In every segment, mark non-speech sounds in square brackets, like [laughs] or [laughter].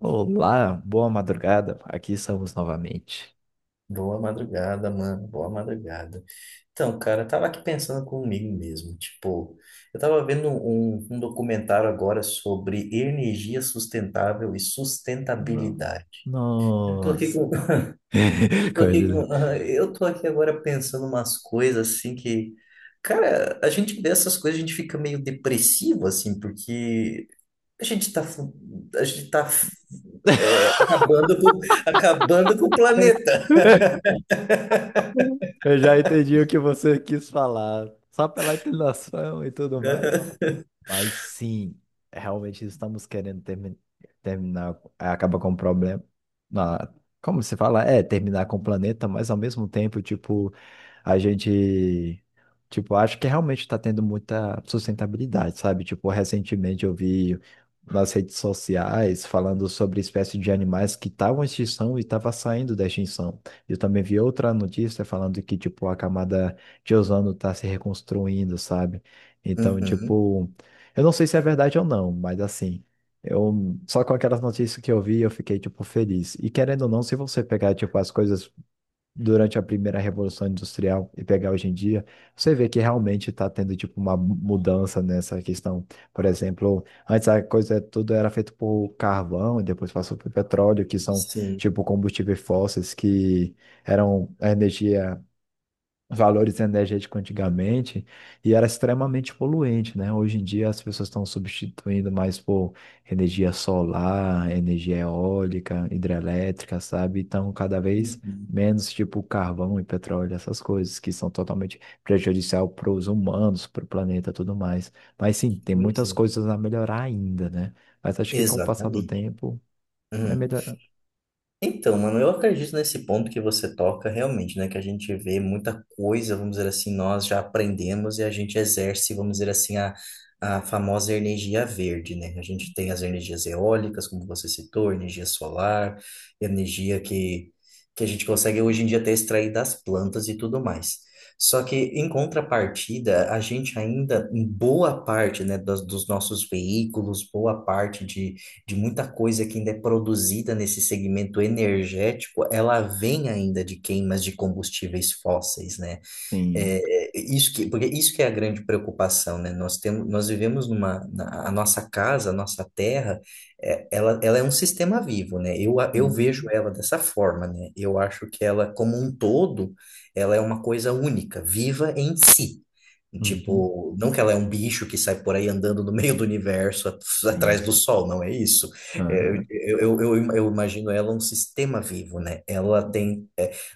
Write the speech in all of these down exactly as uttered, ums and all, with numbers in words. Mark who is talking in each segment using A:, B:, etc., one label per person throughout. A: Olá, boa madrugada. Aqui estamos novamente.
B: Boa madrugada, mano. Boa madrugada. Então, cara, eu tava aqui pensando comigo mesmo. Tipo, eu tava vendo um, um documentário agora sobre energia sustentável e
A: No-
B: sustentabilidade. Eu tô aqui
A: Nossa.
B: com,
A: [laughs]
B: [laughs] eu tô aqui
A: Código.
B: com, ah, eu tô aqui agora pensando umas coisas assim que, cara, a gente vê essas coisas, a gente fica meio depressivo, assim, porque a gente tá, fu- a gente tá, é, acabando com, [laughs] acabando com o planeta.
A: [laughs] Eu já entendi o que você quis falar, só pela entonação e tudo mais.
B: [laughs]
A: Mas sim, realmente estamos querendo termi- terminar, é, acaba com o problema. na- Como se fala? É, terminar com o planeta, mas ao mesmo tempo, tipo, a gente, tipo, acho que realmente está tendo muita sustentabilidade, sabe? Tipo, recentemente eu vi nas redes sociais falando sobre espécies de animais que estavam em extinção e estavam saindo da extinção. Eu também vi outra notícia falando que, tipo, a camada de ozono está se reconstruindo, sabe? Então,
B: Uhum,
A: tipo. Eu não sei se é verdade ou não, mas assim, eu só com aquelas notícias que eu vi, eu fiquei tipo feliz. E querendo ou não, se você pegar tipo as coisas durante a primeira revolução industrial e pegar hoje em dia, você vê que realmente está tendo tipo uma mudança nessa questão. Por exemplo, antes a coisa tudo era feito por carvão e depois passou por petróleo, que são
B: sim.
A: tipo combustíveis fósseis que eram a energia valores energéticos antigamente e era extremamente poluente, né? Hoje em dia as pessoas estão substituindo mais por energia solar, energia eólica, hidrelétrica, sabe? Então cada vez
B: Uhum.
A: menos tipo carvão e petróleo, essas coisas que são totalmente prejudicial para os humanos, para o planeta, e tudo mais. Mas sim, tem
B: Pois
A: muitas
B: é.
A: coisas a melhorar ainda, né? Mas acho que com o passar do
B: Exatamente.
A: tempo vai
B: Uhum.
A: melhorar.
B: Então, mano, eu acredito nesse ponto que você toca realmente, né? Que a gente vê muita coisa, vamos dizer assim, nós já aprendemos e a gente exerce, vamos dizer assim, a, a famosa energia verde, né? A gente tem as energias eólicas, como você citou, energia solar, energia que, que a gente consegue hoje em dia até extrair das plantas e tudo mais. Só que, em contrapartida, a gente ainda, em boa parte, né, dos, dos nossos veículos, boa parte de de muita coisa que ainda é produzida nesse segmento energético, ela vem ainda de queimas de combustíveis fósseis, né?
A: Sim.
B: É, é, isso que, porque isso que é a grande preocupação, né? Nós temos, nós vivemos numa, na, a nossa casa, a nossa terra, é, ela, ela é um sistema vivo, né? Eu, a- eu vejo
A: Uhum.
B: ela dessa forma, né? Eu acho que ela, como um todo, ela é uma coisa única, viva em si.
A: Uhum.
B: Tipo, não que ela é um bicho que sai por aí andando no meio do universo, at-
A: Sim,
B: atrás do
A: sim.
B: sol, não é isso. É,
A: Aham.
B: Eu, eu, eu, eu imagino ela um sistema vivo, né? Ela tem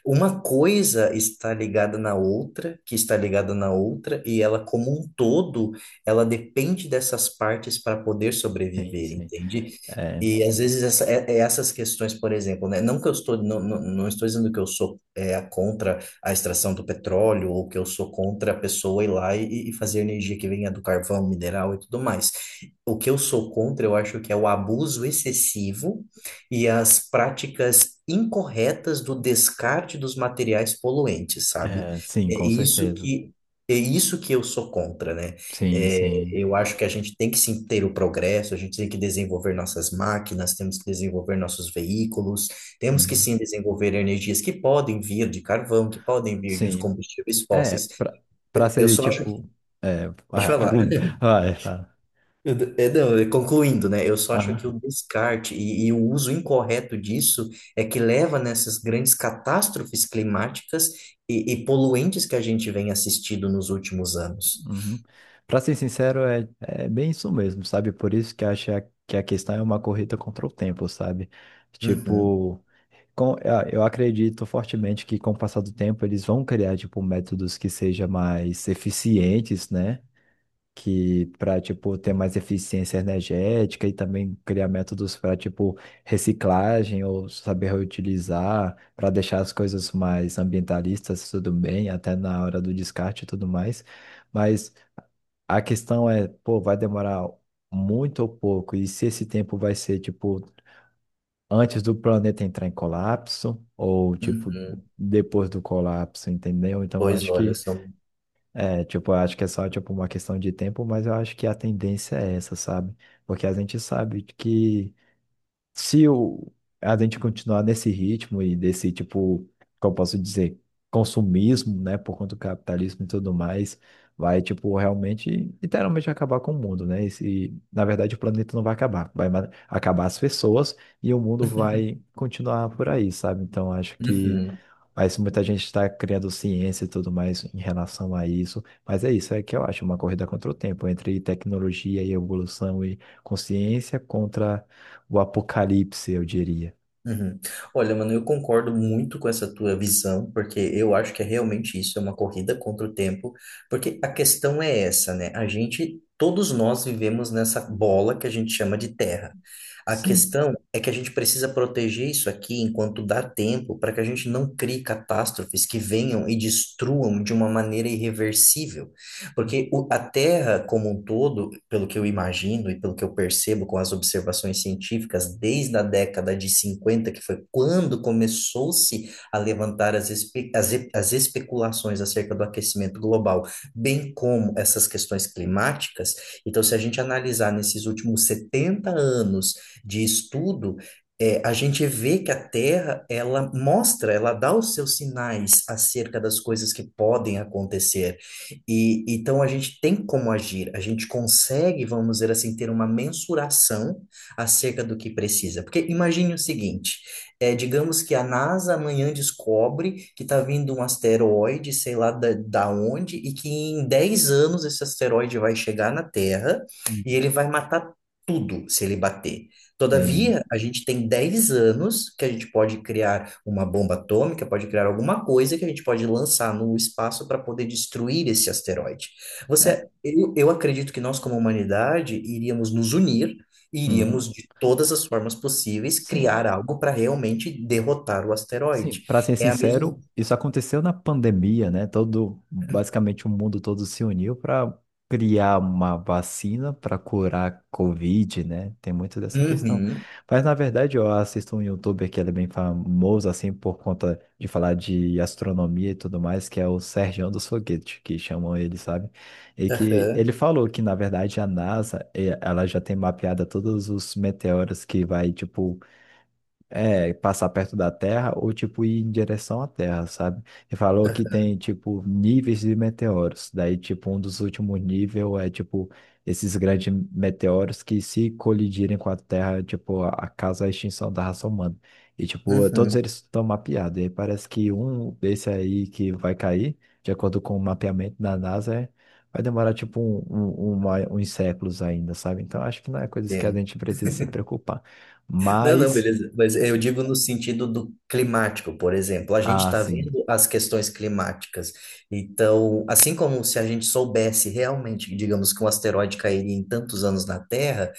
B: uma coisa está ligada na outra, que está ligada na outra, e ela como um todo, ela depende dessas partes para poder
A: Sim,
B: sobreviver,
A: sim.
B: entende?
A: É.
B: E às vezes essa- é- é essas questões, por exemplo, né? Não que eu estou, não, não, não estou dizendo que eu sou é, a contra a extração do petróleo ou que eu sou contra a pessoa ir lá e, e fazer energia que venha do carvão, mineral e tudo mais. O que eu sou contra, eu acho que é o abuso excessivo e as práticas incorretas do descarte dos materiais poluentes, sabe?
A: É, sim,
B: É
A: com
B: isso
A: certeza.
B: que é isso que eu sou contra, né?
A: Sim,
B: É,
A: sim.
B: eu acho que a gente tem que sim ter o progresso, a gente tem que desenvolver nossas máquinas, temos que desenvolver nossos veículos, temos que
A: Uhum.
B: sim desenvolver energias que podem vir de carvão, que podem vir dos
A: Sim.
B: combustíveis
A: É,
B: fósseis.
A: pra, pra
B: Eu eu
A: ser
B: só acho
A: tipo.
B: que.
A: É,
B: Deixa
A: ah,
B: eu falar.
A: [laughs] vai, fala.
B: Eu d- é, não, é, concluindo, né? Eu só acho que o
A: Aham.
B: descarte e, e o uso incorreto disso é que leva nessas grandes catástrofes climáticas e, e poluentes que a gente vem assistindo nos últimos anos.
A: Uhum. Pra ser sincero, é, é bem isso mesmo, sabe? Por isso que acho que a questão é uma corrida contra o tempo, sabe?
B: Uhum,
A: Tipo, com, ah, eu acredito fortemente que com o passar do tempo eles vão criar, tipo, métodos que sejam mais eficientes, né? Que para tipo ter mais eficiência energética e também criar métodos para tipo reciclagem ou saber reutilizar para deixar as coisas mais ambientalistas tudo bem até na hora do descarte e tudo mais, mas a questão é pô, vai demorar muito ou pouco e se esse tempo vai ser tipo antes do planeta entrar em colapso ou tipo
B: uhum.
A: depois do colapso, entendeu? Então
B: Pois
A: acho
B: olha,
A: que
B: são.
A: é, tipo, eu acho que é só, tipo, uma questão de tempo, mas eu acho que a tendência é essa, sabe? Porque a gente sabe que se o, a gente continuar nesse ritmo e desse, tipo, como eu posso dizer, consumismo, né, por conta do capitalismo e tudo mais, vai, tipo, realmente, literalmente acabar com o mundo, né? E, se- na verdade, o planeta não vai acabar, vai ma- acabar as pessoas e o mundo vai
B: [laughs]
A: continuar por aí, sabe? Então, acho que
B: Uhum.
A: mas muita gente está criando ciência e tudo mais em relação a isso. Mas é isso, é que eu acho uma corrida contra o tempo, entre tecnologia e evolução e consciência contra o apocalipse, eu diria.
B: Uhum. Olha, mano, eu concordo muito com essa tua visão, porque eu acho que é realmente isso, é uma corrida contra o tempo, porque a questão é essa, né? A gente, todos nós vivemos nessa bola que a gente chama de terra. A
A: Sim.
B: questão é que a gente precisa proteger isso aqui enquanto dá tempo, para que a gente não crie catástrofes que venham e destruam de uma maneira irreversível. Porque o- a Terra como um todo, pelo que eu imagino e pelo que eu percebo com as observações científicas, desde a década de cinquenta, que foi quando começou-se a levantar as, espe- as, e- as especulações acerca do aquecimento global, bem como essas questões climáticas. Então, se a gente analisar nesses últimos setenta anos de estudo, é, a gente vê que a Terra, ela mostra, ela dá os seus sinais acerca das coisas que podem acontecer. E então a gente tem como agir, a gente consegue, vamos dizer assim, ter uma mensuração acerca do que precisa. Porque imagine o seguinte, é, digamos que a NASA amanhã descobre que está vindo um asteroide, sei lá da, da onde, e que em dez anos esse asteroide vai chegar na Terra
A: Uhum.
B: e ele vai matar tudo se ele bater.
A: Tem.
B: Todavia, a gente tem dez anos que a gente pode criar uma bomba atômica, pode criar alguma coisa que a gente pode lançar no espaço para poder destruir esse asteroide. Você,
A: É,
B: eu, eu acredito que nós, como humanidade, iríamos nos unir, e
A: uhum,
B: iríamos, de todas as formas possíveis,
A: sim.
B: criar algo para realmente derrotar o
A: Sim,
B: asteroide.
A: para ser
B: É a mesma.
A: sincero, isso aconteceu na pandemia, né? Todo, basicamente o mundo todo se uniu para criar uma vacina para curar a Covid, né? Tem muito dessa questão.
B: Uhum,
A: Mas na verdade, eu assisto um YouTuber que ele é bem famoso assim por conta de falar de astronomia e tudo mais, que é o Sergião dos Foguetes, que chamam ele, sabe? E que
B: aham,
A: ele falou que na verdade a NASA, eh, ela já tem mapeada todos os meteoros que vai tipo é, passar perto da Terra ou, tipo, ir em direção à Terra, sabe? E falou que tem, tipo, níveis de meteoros. Daí, tipo, um dos últimos níveis é, tipo, esses grandes meteoros que se colidirem com a Terra, tipo, a- causa a extinção da raça humana. E, tipo, todos
B: uhum,
A: eles estão mapeados. E aí parece que um desse aí que vai cair, de acordo com o mapeamento da NASA, é- vai demorar, tipo, um, um- uma- uns séculos ainda, sabe? Então, acho que não é coisa que a
B: entendo.
A: gente precisa se preocupar.
B: Não, não,
A: Mas...
B: beleza. Mas eu digo no sentido do climático, por exemplo. A gente
A: Ah,
B: está
A: sim.
B: vendo as questões climáticas. Então, assim como se a gente soubesse realmente, digamos, que um asteroide cairia em tantos anos na Terra,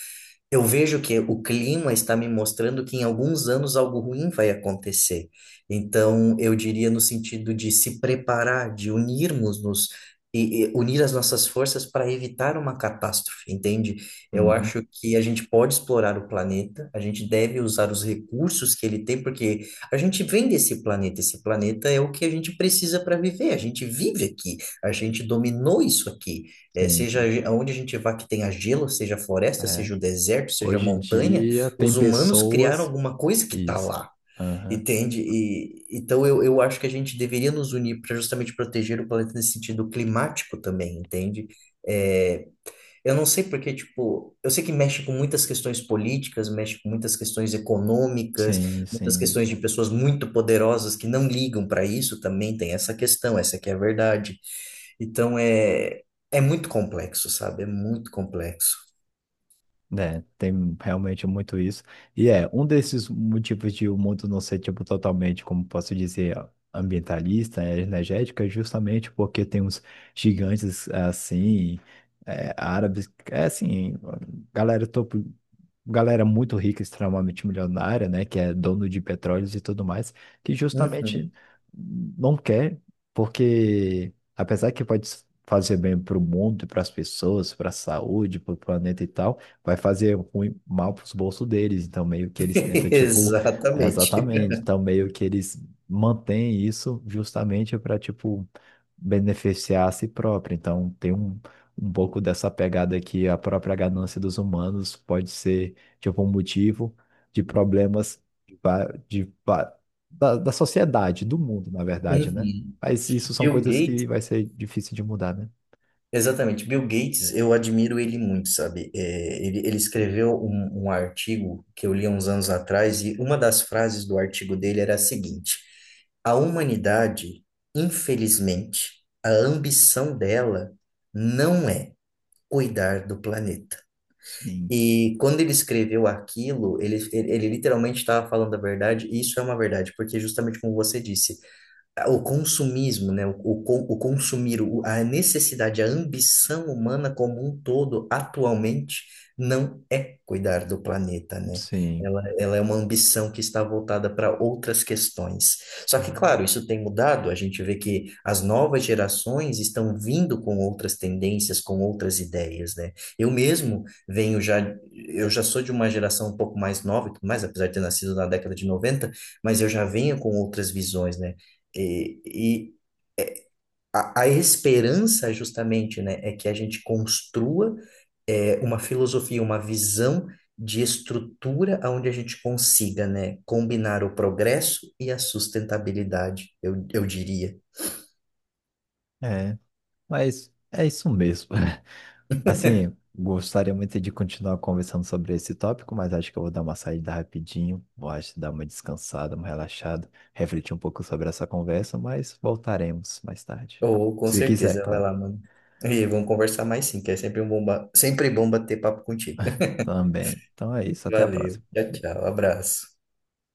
B: eu vejo que o clima está me mostrando que em alguns anos algo ruim vai acontecer. Então, eu diria no sentido de se preparar, de unirmos-nos e, e unir as nossas forças para evitar uma catástrofe, entende? Eu
A: Uhum.
B: acho que a gente pode explorar o planeta, a gente deve usar os recursos que ele tem, porque a gente vem desse planeta, esse planeta é o que a gente precisa para viver, a gente vive aqui, a gente dominou isso aqui. É,
A: Sim,
B: seja
A: sim.
B: onde a gente vá que tenha gelo, seja floresta,
A: É.
B: seja o deserto, seja
A: Hoje em
B: montanha,
A: dia tem
B: os humanos criaram
A: pessoas.
B: alguma coisa que está
A: Isso.
B: lá,
A: Aham.
B: entende? E, então eu, eu acho que a gente deveria nos unir para justamente proteger o planeta nesse sentido climático também, entende? É, eu não sei porque, tipo, eu sei que mexe com muitas questões políticas, mexe com muitas questões econômicas,
A: Sim,
B: muitas
A: sim.
B: questões de pessoas muito poderosas que não ligam para isso, também tem essa questão, essa que é a verdade. Então é, é muito complexo, sabe? É muito complexo.
A: É, tem realmente muito isso. E é, um desses motivos de o mundo não ser, tipo, totalmente, como posso dizer, ambientalista, é, energética, é justamente porque tem uns gigantes, assim, é, árabes, é assim, galera topo, galera muito rica, extremamente milionária, né, que é dono de petróleos e tudo mais, que
B: Uhum.
A: justamente não quer, porque apesar que pode fazer bem para o mundo, para as pessoas, para a saúde, para o planeta e tal, vai fazer ruim, mal para os bolsos deles. Então meio que eles tentam,
B: [laughs]
A: tipo,
B: Exatamente.
A: exatamente, então meio que eles mantêm isso justamente para, tipo, beneficiar a si próprio. Então tem um um pouco dessa pegada que a própria ganância dos humanos pode ser tipo, um motivo de problemas de, va- de va- da, da sociedade, do mundo, na verdade, né?
B: Uhum.
A: Mas isso são
B: Bill
A: coisas
B: Gates,
A: que vai ser difícil de mudar, né?
B: Exatamente. Bill Gates, eu admiro ele muito, sabe? É, ele, ele escreveu um, um artigo que eu li há uns anos atrás, e uma das frases do artigo dele era a seguinte: a humanidade, infelizmente, a ambição dela não é cuidar do planeta.
A: Sim.
B: E quando ele escreveu aquilo, ele, ele, ele literalmente estava falando a verdade, e isso é uma verdade, porque justamente como você disse o consumismo, né? O, o, con- o consumir, o- a necessidade, a ambição humana como um todo, atualmente, não é cuidar do planeta, né?
A: Sim.
B: Ela, ela é uma ambição que está voltada para outras questões. Só que,
A: Uhum.
B: claro, isso tem mudado, a gente vê que as novas gerações estão vindo com outras tendências, com outras ideias, né? Eu mesmo venho já, eu já sou de uma geração um pouco mais nova, e tudo mais apesar de ter nascido na década de noventa, mas eu já venho com outras visões, né? E, e a, a esperança, justamente, né, é que a gente construa é, uma filosofia, uma visão de estrutura onde a gente consiga, né, combinar o progresso e a sustentabilidade, eu, eu diria.
A: É, mas é isso mesmo. [laughs] Assim, gostaria muito de continuar conversando sobre esse tópico, mas acho que eu vou dar uma saída rapidinho, vou acho, dar uma descansada, uma relaxada, refletir um pouco sobre essa conversa, mas voltaremos mais tarde.
B: Ou, com
A: Se quiser,
B: certeza, vai
A: claro.
B: lá, mano. E vamos conversar mais sim, que é sempre um bom, ba- sempre bom bater papo contigo. [laughs]
A: Também. Então é isso, até a
B: Valeu,
A: próxima.
B: tchau, tchau, abraço.